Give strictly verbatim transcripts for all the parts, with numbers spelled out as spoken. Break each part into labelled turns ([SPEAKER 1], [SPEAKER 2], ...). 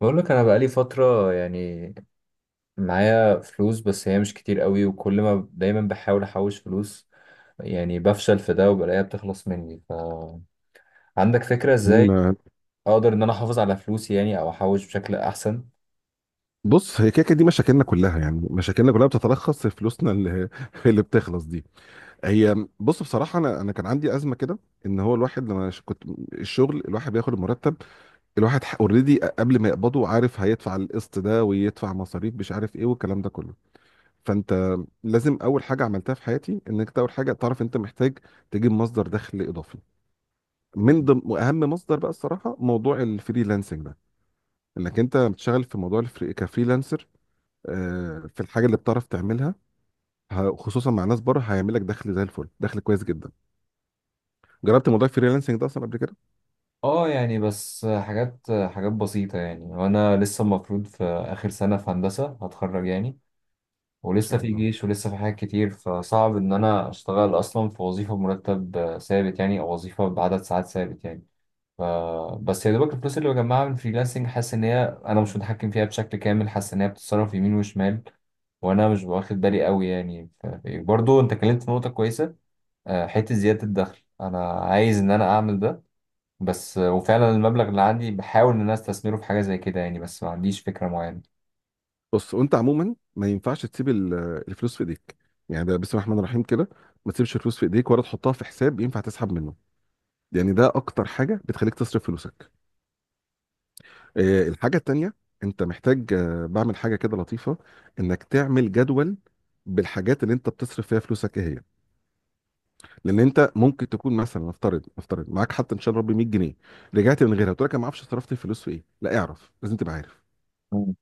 [SPEAKER 1] بقول لك انا بقالي فتره يعني معايا فلوس، بس هي مش كتير قوي، وكل ما دايما بحاول احوش فلوس يعني بفشل في ده، وبلاقيها بتخلص مني. ف عندك فكره ازاي
[SPEAKER 2] مم،
[SPEAKER 1] اقدر ان انا احافظ على فلوسي يعني، او احوش بشكل احسن؟
[SPEAKER 2] بص هي كده كده دي مشاكلنا كلها، يعني مشاكلنا كلها بتتلخص في فلوسنا اللي اللي بتخلص دي. هي بص بصراحه انا انا كان عندي ازمه كده. ان هو الواحد لما ش- كنت الشغل الواحد بياخد المرتب، الواحد اوريدي قبل ما يقبضه عارف هيدفع القسط ده ويدفع مصاريف مش عارف ايه والكلام ده كله. فانت لازم اول حاجه عملتها في حياتي انك أنت اول حاجه تعرف انت محتاج تجيب مصدر دخل اضافي. من ضمن واهم مصدر بقى الصراحه موضوع الفريلانسنج ده، انك انت بتشتغل في موضوع الفري كفريلانسر، آه، في الحاجه اللي بتعرف تعملها، ه- خصوصا مع ناس بره هيعمل لك دخل زي الفل، دخل كويس جدا. جربت موضوع الفريلانسنج ده اصلا قبل كده؟
[SPEAKER 1] اه، يعني بس حاجات حاجات بسيطة يعني، وانا لسه المفروض في اخر سنة في هندسة هتخرج يعني،
[SPEAKER 2] ان
[SPEAKER 1] ولسه
[SPEAKER 2] شاء
[SPEAKER 1] في
[SPEAKER 2] الله.
[SPEAKER 1] جيش ولسه في حاجات كتير، فصعب ان انا اشتغل اصلا في وظيفة بمرتب ثابت يعني، او وظيفة بعدد ساعات ثابت يعني. ف... بس يا دوبك الفلوس اللي بجمعها من فريلانسنج، حاسس ان هي انا مش متحكم فيها بشكل كامل، حاسس ان هي بتتصرف يمين وشمال، وانا مش واخد بالي قوي يعني. ف... برضو انت اتكلمت في نقطة كويسة. آه، حتة زيادة الدخل انا عايز ان انا اعمل ده. بس آه، وفعلا المبلغ اللي عندي بحاول ان انا استثمره في حاجة زي كده يعني، بس ما عنديش فكرة معينة.
[SPEAKER 2] بص وانت عموما ما ينفعش تسيب ال- الفلوس في ايديك، يعني ده بسم الله الرحمن الرحيم كده. ما تسيبش الفلوس في ايديك ولا تحطها في حساب ينفع تسحب منه، يعني ده اكتر حاجه بتخليك تصرف فلوسك. آه، الحاجه التانيه انت محتاج، آه، بعمل حاجه كده لطيفه، انك تعمل جدول بالحاجات اللي انت بتصرف فيها فلوسك ايه هي. لان انت ممكن تكون مثلا نفترض نفترض معاك حتى ان شاء الله ربي مية جنيه، رجعت من غيرها قلت لك انا ما اعرفش صرفت الفلوس في ايه. لا، اعرف، لازم تبقى عارف
[SPEAKER 1] مم.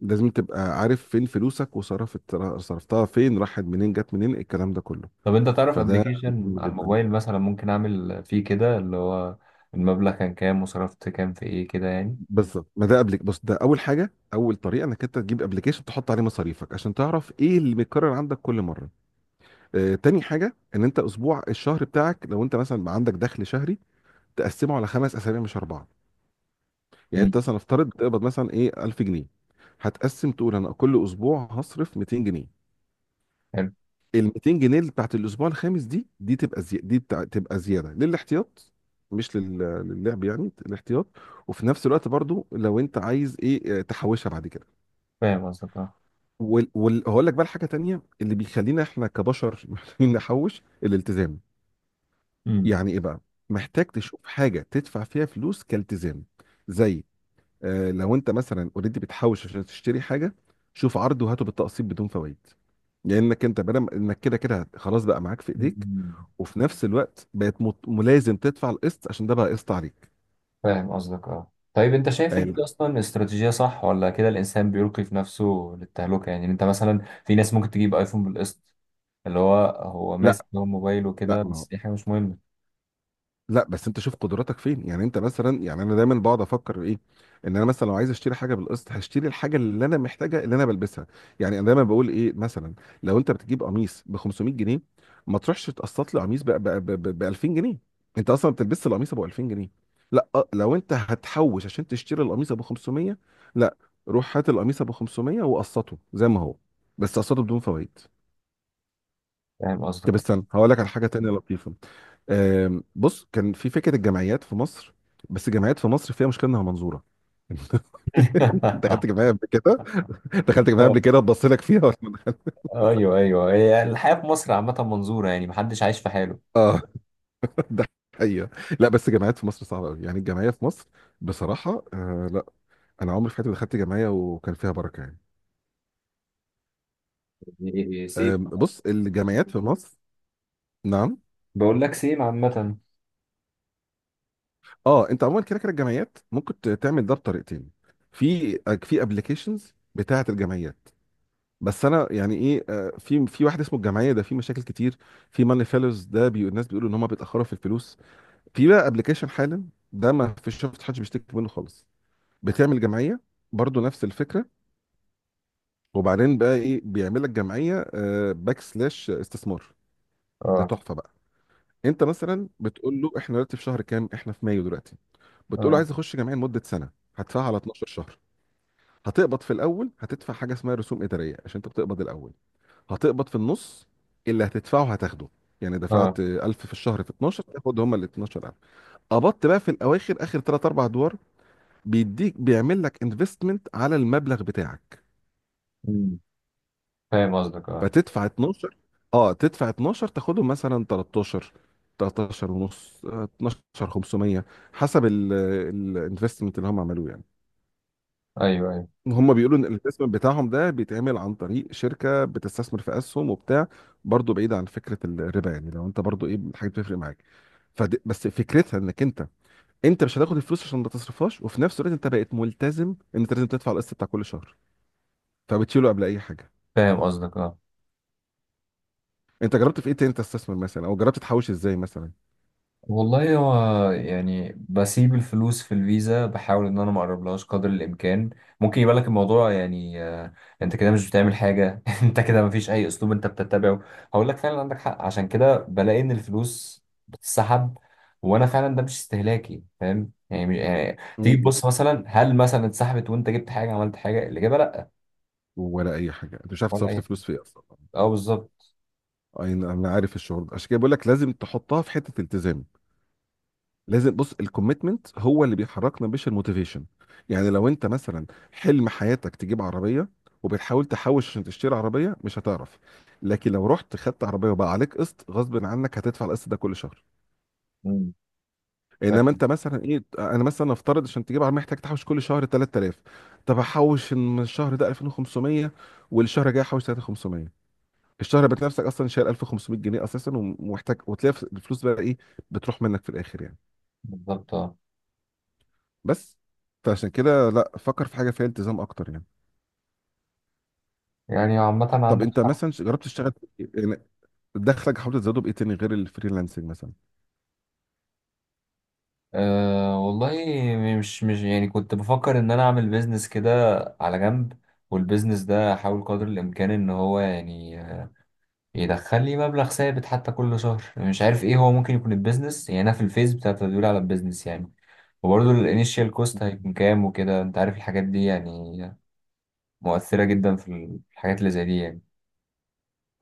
[SPEAKER 2] لازم تبقى عارف فين فلوسك، وصرفت صرفتها فين، راحت منين جت منين الكلام ده كله.
[SPEAKER 1] طب انت تعرف
[SPEAKER 2] فده
[SPEAKER 1] ابلكيشن
[SPEAKER 2] مهم
[SPEAKER 1] على
[SPEAKER 2] جدا.
[SPEAKER 1] الموبايل مثلا ممكن اعمل فيه كده اللي هو المبلغ كان كام، وصرفت كام في ايه كده يعني.
[SPEAKER 2] بالظبط ما ده قبلك، بص ده اول حاجه، اول طريقه انك انت تجيب ابلكيشن تحط عليه مصاريفك عشان تعرف ايه اللي بيتكرر عندك كل مره. آه تاني حاجه ان انت اسبوع الشهر بتاعك، لو انت مثلا عندك دخل شهري تقسمه على خمس اسابيع مش اربعه. يعني
[SPEAKER 1] مم.
[SPEAKER 2] انت مثلا افترض بتقبض مثلا ايه ألف جنيه، هتقسم تقول انا كل اسبوع هصرف ميتين جنيه.
[SPEAKER 1] حلو.
[SPEAKER 2] ال ميتين جنيه اللي بتاعت الاسبوع الخامس دي، دي تبقى زي... دي بتاع... تبقى زياده للاحتياط، مش لل... للعب، يعني الاحتياط. وفي نفس الوقت برضو لو انت عايز ايه اه، تحوشها بعد كده.
[SPEAKER 1] فاهم قصدك، اه.
[SPEAKER 2] وال... وال... هقول لك بقى حاجه تانية اللي بيخلينا احنا كبشر محتاجين نحوش، الالتزام.
[SPEAKER 1] مم.
[SPEAKER 2] يعني ايه بقى؟ محتاج تشوف حاجه تدفع فيها فلوس كالتزام، زي، آه، لو انت مثلا اوريدي بتحوش عشان تشتري حاجه، شوف عرض وهاته بالتقسيط بدون فوائد. لانك انت بدل انك كده كده هت- خلاص بقى معاك في ايديك،
[SPEAKER 1] مم.
[SPEAKER 2] وفي نفس الوقت بقت مت- ملازم تدفع القسط عشان ده بقى قسط عليك.
[SPEAKER 1] فاهم قصدك، اه. طيب انت شايف ان
[SPEAKER 2] يعني
[SPEAKER 1] دي اصلا استراتيجية صح، ولا كده الانسان بيلقي في نفسه للتهلكة يعني؟ انت مثلا في ناس ممكن تجيب ايفون بالقسط، اللي هو هو ماسك
[SPEAKER 2] لا
[SPEAKER 1] هو موبايل
[SPEAKER 2] لا
[SPEAKER 1] وكده،
[SPEAKER 2] ما
[SPEAKER 1] بس دي حاجة مش مهمة.
[SPEAKER 2] لا بس انت شوف قدراتك فين. يعني انت مثلا، يعني انا دايما بقعد افكر ايه، ان انا مثلا لو عايز اشتري حاجه بالقسط هشتري الحاجه اللي انا محتاجها اللي انا بلبسها. يعني انا دايما بقول ايه مثلا، لو انت بتجيب قميص ب خمسمية جنيه، ما تروحش تقسط لي قميص ب ألفين جنيه. انت اصلا بتلبس القميص ابو ألفين جنيه؟ لا. اه، لو انت هتحوش عشان تشتري القميص ابو خمسمية، لا، روح هات القميص ابو خمسمية وقسطه زي ما هو، بس قسطه بدون فوائد.
[SPEAKER 1] فاهم قصدك
[SPEAKER 2] طب استنى هقول لك على حاجه تانيه لطيفه. آم، بص كان في فكره الجمعيات في مصر، بس الجمعيات في مصر فيها مشكله انها منظوره. دخلت
[SPEAKER 1] اه.
[SPEAKER 2] جمعيه قبل كده دخلت جمعيه قبل كده اتبص لك فيها ولا ما دخلت؟
[SPEAKER 1] آه، ايوه ايوه، هي الحياة في مصر عامة منظورة يعني، محدش عايش في حاله.
[SPEAKER 2] اه ده حقيقه. لا بس الجمعيات في مصر صعبه قوي، يعني الجمعيه في مصر بصراحه آه لا، انا عمري في حياتي ما دخلت جمعيه وكان فيها بركه يعني.
[SPEAKER 1] إيه، سيم.
[SPEAKER 2] آم، بص الجمعيات في مصر، نعم.
[SPEAKER 1] بقول لك سيم عامة.
[SPEAKER 2] اه انت عموما كده كده الجمعيات ممكن ت- تعمل ده بطريقتين. في في ابلكيشنز بتاعه الجمعيات، بس انا يعني ايه، آه، في في واحد اسمه الجمعيه ده في مشاكل كتير، في ماني فيلرز، ده بي الناس بيقولوا ان هم بيتاخروا في الفلوس. في بقى ابلكيشن حالا ده ما فيش شفت حد بيشتكي منه خالص، بتعمل جمعيه برضو نفس الفكره. وبعدين بقى ايه؟ بيعمل لك جمعيه باك سلاش استثمار، ده
[SPEAKER 1] اه،
[SPEAKER 2] تحفه بقى. انت مثلا بتقول له احنا دلوقتي في شهر كام، احنا في مايو دلوقتي، بتقول له
[SPEAKER 1] اه،
[SPEAKER 2] عايز اخش جمعيه لمده سنه، هدفعها على اتناشر شهر. هتقبض في الاول هتدفع حاجه اسمها رسوم اداريه عشان انت بتقبض الاول. هتقبض في النص اللي هتدفعه هتاخده، يعني دفعت
[SPEAKER 1] اه.
[SPEAKER 2] ألف في الشهر في اتناشر تاخد هما ال اتناشر ألف. قبضت بقى في الاواخر اخر تلات اربعة ادوار، بيديك، بيعمل لك انفستمنت على المبلغ بتاعك.
[SPEAKER 1] أمم. فاهم قصدك، اه.
[SPEAKER 2] فتدفع اتناشر اه تدفع اتناشر تاخدهم مثلا ثلاثة عشر، تلتاشر ونص، آه، اتناشر خمسمية، حسب الانفستمنت اللي هم عملوه يعني.
[SPEAKER 1] ايوه، ايوه.
[SPEAKER 2] هم بيقولوا ان الانفستمنت بتاعهم ده بيتعمل عن طريق شركه بتستثمر في اسهم وبتاع، برضه بعيد عن فكره الربا، يعني لو انت برضه ايه حاجه بتفرق معاك. فد... بس فكرتها انك انت، انت مش هتاخد الفلوس عشان ما تصرفهاش، وفي نفس الوقت انت بقيت ملتزم ان انت لازم تدفع القسط بتاع كل شهر، فبتشيله قبل اي حاجه.
[SPEAKER 1] فاهم قصدك، اه.
[SPEAKER 2] انت جربت في ايه تاني تستثمر مثلا، او جربت تحوش ازاي مثلا؟
[SPEAKER 1] والله هو يعني بسيب الفلوس في الفيزا، بحاول ان انا ما اقربلهاش قدر الامكان. ممكن يبقى لك الموضوع يعني آه، انت كده مش بتعمل حاجه. انت كده ما فيش اي اسلوب انت بتتبعه. هقول لك فعلا عندك حق، عشان كده بلاقي ان الفلوس بتتسحب، وانا فعلا ده مش استهلاكي. فاهم يعني، مش- يعني تيجي
[SPEAKER 2] مم.
[SPEAKER 1] تبص مثلا هل مثلا اتسحبت وانت جبت حاجه، عملت حاجه؟ الاجابه لا،
[SPEAKER 2] ولا اي حاجه، انت مش عارف
[SPEAKER 1] ولا اي
[SPEAKER 2] تصرف
[SPEAKER 1] حاجه.
[SPEAKER 2] فلوس في ايه اصلا.
[SPEAKER 1] اه، بالظبط.
[SPEAKER 2] أي- انا عارف الشعور ده، عشان كده بقول لك لازم تحطها في حته التزام. لازم بص، الكوميتمنت هو اللي بيحركنا مش الموتيفيشن. يعني لو انت مثلا حلم حياتك تجيب عربيه، وبتحاول تحوش عشان تشتري عربيه مش هتعرف. لكن لو رحت خدت عربيه وبقى عليك قسط غصب عنك هتدفع القسط ده كل شهر.
[SPEAKER 1] مم.
[SPEAKER 2] انما
[SPEAKER 1] فاهم.
[SPEAKER 2] انت مثلا ايه، انا مثلا افترض عشان تجيب عربيه محتاج تحوش كل شهر تلات آلاف، طب احوش من الشهر ده ألفين وخمسمية، والشهر الجاي احوش تلات آلاف وخمسمية. الشهر بتلاقي نفسك اصلا شايل ألف وخمسمية جنيه اساسا ومحتاج، وتلاقي الفلوس بقى ايه، بتروح منك في الاخر يعني.
[SPEAKER 1] بالظبط، اه.
[SPEAKER 2] بس، فعشان كده لا فكر في حاجه فيها التزام اكتر يعني.
[SPEAKER 1] يعني عامه
[SPEAKER 2] طب
[SPEAKER 1] عندك
[SPEAKER 2] انت
[SPEAKER 1] حق.
[SPEAKER 2] مثلا ش- جربت تشتغل في إيه يعني؟ دخلك حاولت تزوده بايه تاني غير الفريلانسنج مثلا؟
[SPEAKER 1] أه، والله مش مش يعني كنت بفكر ان انا اعمل بيزنس كده على جنب، والبيزنس ده احاول قدر الامكان ان هو يعني يدخل لي مبلغ ثابت حتى كل شهر، مش عارف ايه هو ممكن يكون البيزنس يعني، انا في الفيز بتاع التدوير على البيزنس يعني. وبرضه الانيشال كوست هيكون كام وكده، انت عارف الحاجات دي يعني، مؤثرة جدا في الحاجات اللي زي دي يعني.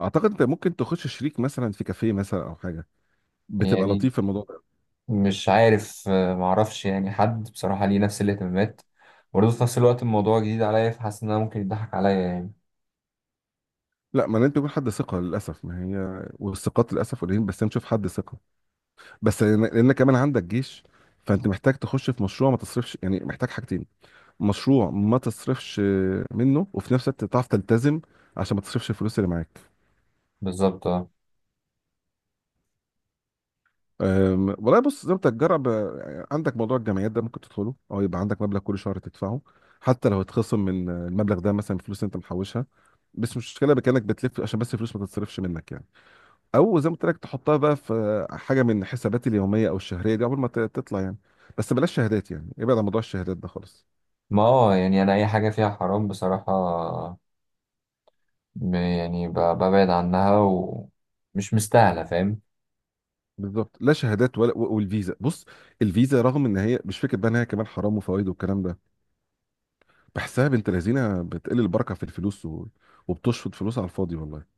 [SPEAKER 2] اعتقد انت ممكن تخش شريك مثلا في كافيه مثلا او حاجه، بتبقى
[SPEAKER 1] يعني
[SPEAKER 2] لطيف في الموضوع ده.
[SPEAKER 1] مش عارف، آه، معرفش يعني حد بصراحة ليه نفس الاهتمامات. برضه في نفس الوقت الموضوع جديد عليا، فحاسس ان انا ممكن يضحك عليا يعني.
[SPEAKER 2] لا ما لازم يكون حد ثقه للاسف، ما هي والثقات للاسف قليلين، بس نشوف حد ثقه. بس لان لأن كمان عندك جيش، فانت محتاج تخش في مشروع ما تصرفش، يعني محتاج حاجتين، مشروع ما تصرفش منه، وفي نفس الوقت تعرف تلتزم عشان ما تصرفش الفلوس اللي معاك.
[SPEAKER 1] بالظبط، اه.
[SPEAKER 2] أم، والله بص زي ما بتتجرب، أه، عندك موضوع الجمعيات ده ممكن تدخله، او يبقى عندك مبلغ كل شهر تدفعه، حتى لو هتخصم من أه، المبلغ ده مثلا فلوس انت محوشها، بس مش مشكله بكانك بتلف عشان بس الفلوس ما تتصرفش منك يعني. او زي ما قلت لك تحطها بقى في أه، حاجه من حساباتي اليوميه او الشهريه دي قبل ما ت- تطلع يعني. بس بلاش شهادات، يعني ابعد عن موضوع الشهادات ده خالص.
[SPEAKER 1] ما هو يعني انا اي حاجه فيها حرام بصراحه، ب- يعني ب- ببعد عنها، ومش مستاهله، فاهم.
[SPEAKER 2] بالظبط، لا شهادات ولا و- والفيزا. بص الفيزا رغم ان هي مش فكره بقى ان هي كمان حرام وفوائد والكلام ده، بحسها بنت لذينه بتقل البركه في الفلوس و... وبتشفط فلوس على الفاضي والله.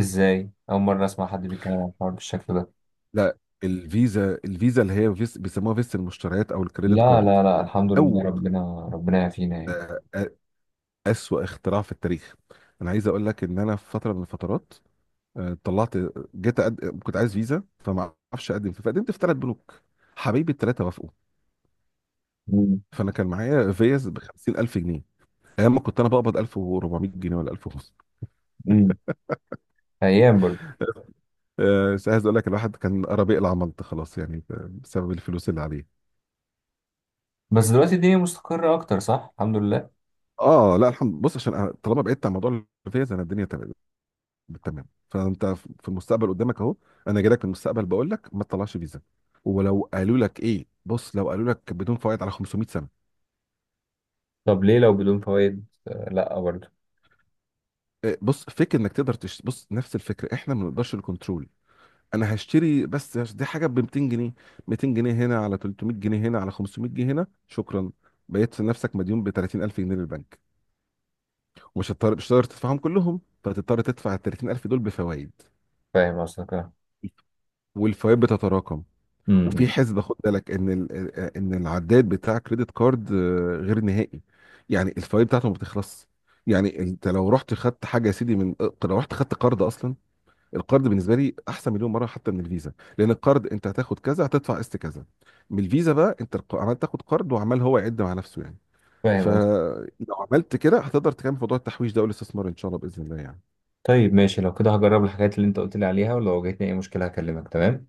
[SPEAKER 1] ازاي اول مره اسمع حد بيتكلم عن الحوار بالشكل ده؟
[SPEAKER 2] لا الفيزا، الفيزا اللي هي فيس بيسموها فيزا المشتريات او الكريدت
[SPEAKER 1] لا،
[SPEAKER 2] كارد،
[SPEAKER 1] لا، لا، الحمد لله،
[SPEAKER 2] اول
[SPEAKER 1] ربنا ربنا يعافينا يعني.
[SPEAKER 2] آه، آه، اسوأ اختراع في التاريخ. انا عايز اقول لك ان انا في فتره من الفترات، آه، طلعت، جيت أقد... كنت عايز فيزا فما اعرفش اقدم فيه، فقدمت في ثلاث بنوك، حبايبي الثلاثه وافقوا،
[SPEAKER 1] امم.
[SPEAKER 2] فانا كان معايا فيز ب خمسين ألف جنيه ايام ما كنت انا بقبض ألف واربعمية جنيه ولا ألف وخمسمية.
[SPEAKER 1] امم. ايام برضه.
[SPEAKER 2] أه بس عايز اقول لك الواحد كان قرب يقلع ملط خلاص يعني، ب- بسبب الفلوس اللي عليه.
[SPEAKER 1] بس دلوقتي الدنيا مستقره اكتر، صح، الحمد لله.
[SPEAKER 2] اه لا الحمد، بص عشان أنا طالما بعدت عن موضوع الفيز انا الدنيا تمام، تمام. فانت في المستقبل قدامك اهو، انا جاي لك من المستقبل بقول لك ما تطلعش فيزا. ولو قالوا لك ايه، بص لو قالوا لك بدون فوائد على خمسمية سنة سنه،
[SPEAKER 1] طب ليه؟ لو بدون فوائد آه، لا، برضه.
[SPEAKER 2] إيه، بص فكر انك تقدر تش... بص نفس الفكره احنا ما بنقدرش الكنترول. انا هشتري بس هش- دي حاجه ب ميتين جنيه، ميتين جنيه هنا، على تلتمية جنيه هنا، على خمسمية جنيه هنا، شكرا، بقيت في نفسك مديون ب تلاتين ألف جنيه للبنك، ومش هتضطر، مش هتقدر تدفعهم كلهم، فتضطر تدفع ال تلاتين ألف دول بفوائد،
[SPEAKER 1] فاهم قصدك، اه.
[SPEAKER 2] والفوائد بتتراكم. وفي
[SPEAKER 1] امم.
[SPEAKER 2] حسبة خد بالك ان ال- ان العداد بتاع كريدت كارد، آه، غير نهائي، يعني الفوائد بتاعته ما بتخلص. يعني انت لو رحت خدت حاجه يا سيدي من، لو رحت خدت قرض اصلا، القرض بالنسبه لي احسن مليون مره حتى من الفيزا، لان القرض انت هتاخد كذا هتدفع قسط كذا. من الفيزا بقى انت الق- عمال تاخد قرض وعمال هو يعد مع نفسه يعني.
[SPEAKER 1] فاهم قصدك.
[SPEAKER 2] فلو عملت كده هتقدر تكمل موضوع التحويش ده والاستثمار ان شاء الله باذن الله يعني.
[SPEAKER 1] طيب، ماشي، لو كده هجرب الحاجات اللي انت قلت لي عليها، ولو واجهتني اي مشكله هكلمك، تمام.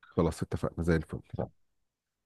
[SPEAKER 2] خلاص اتفقنا، زي الفل.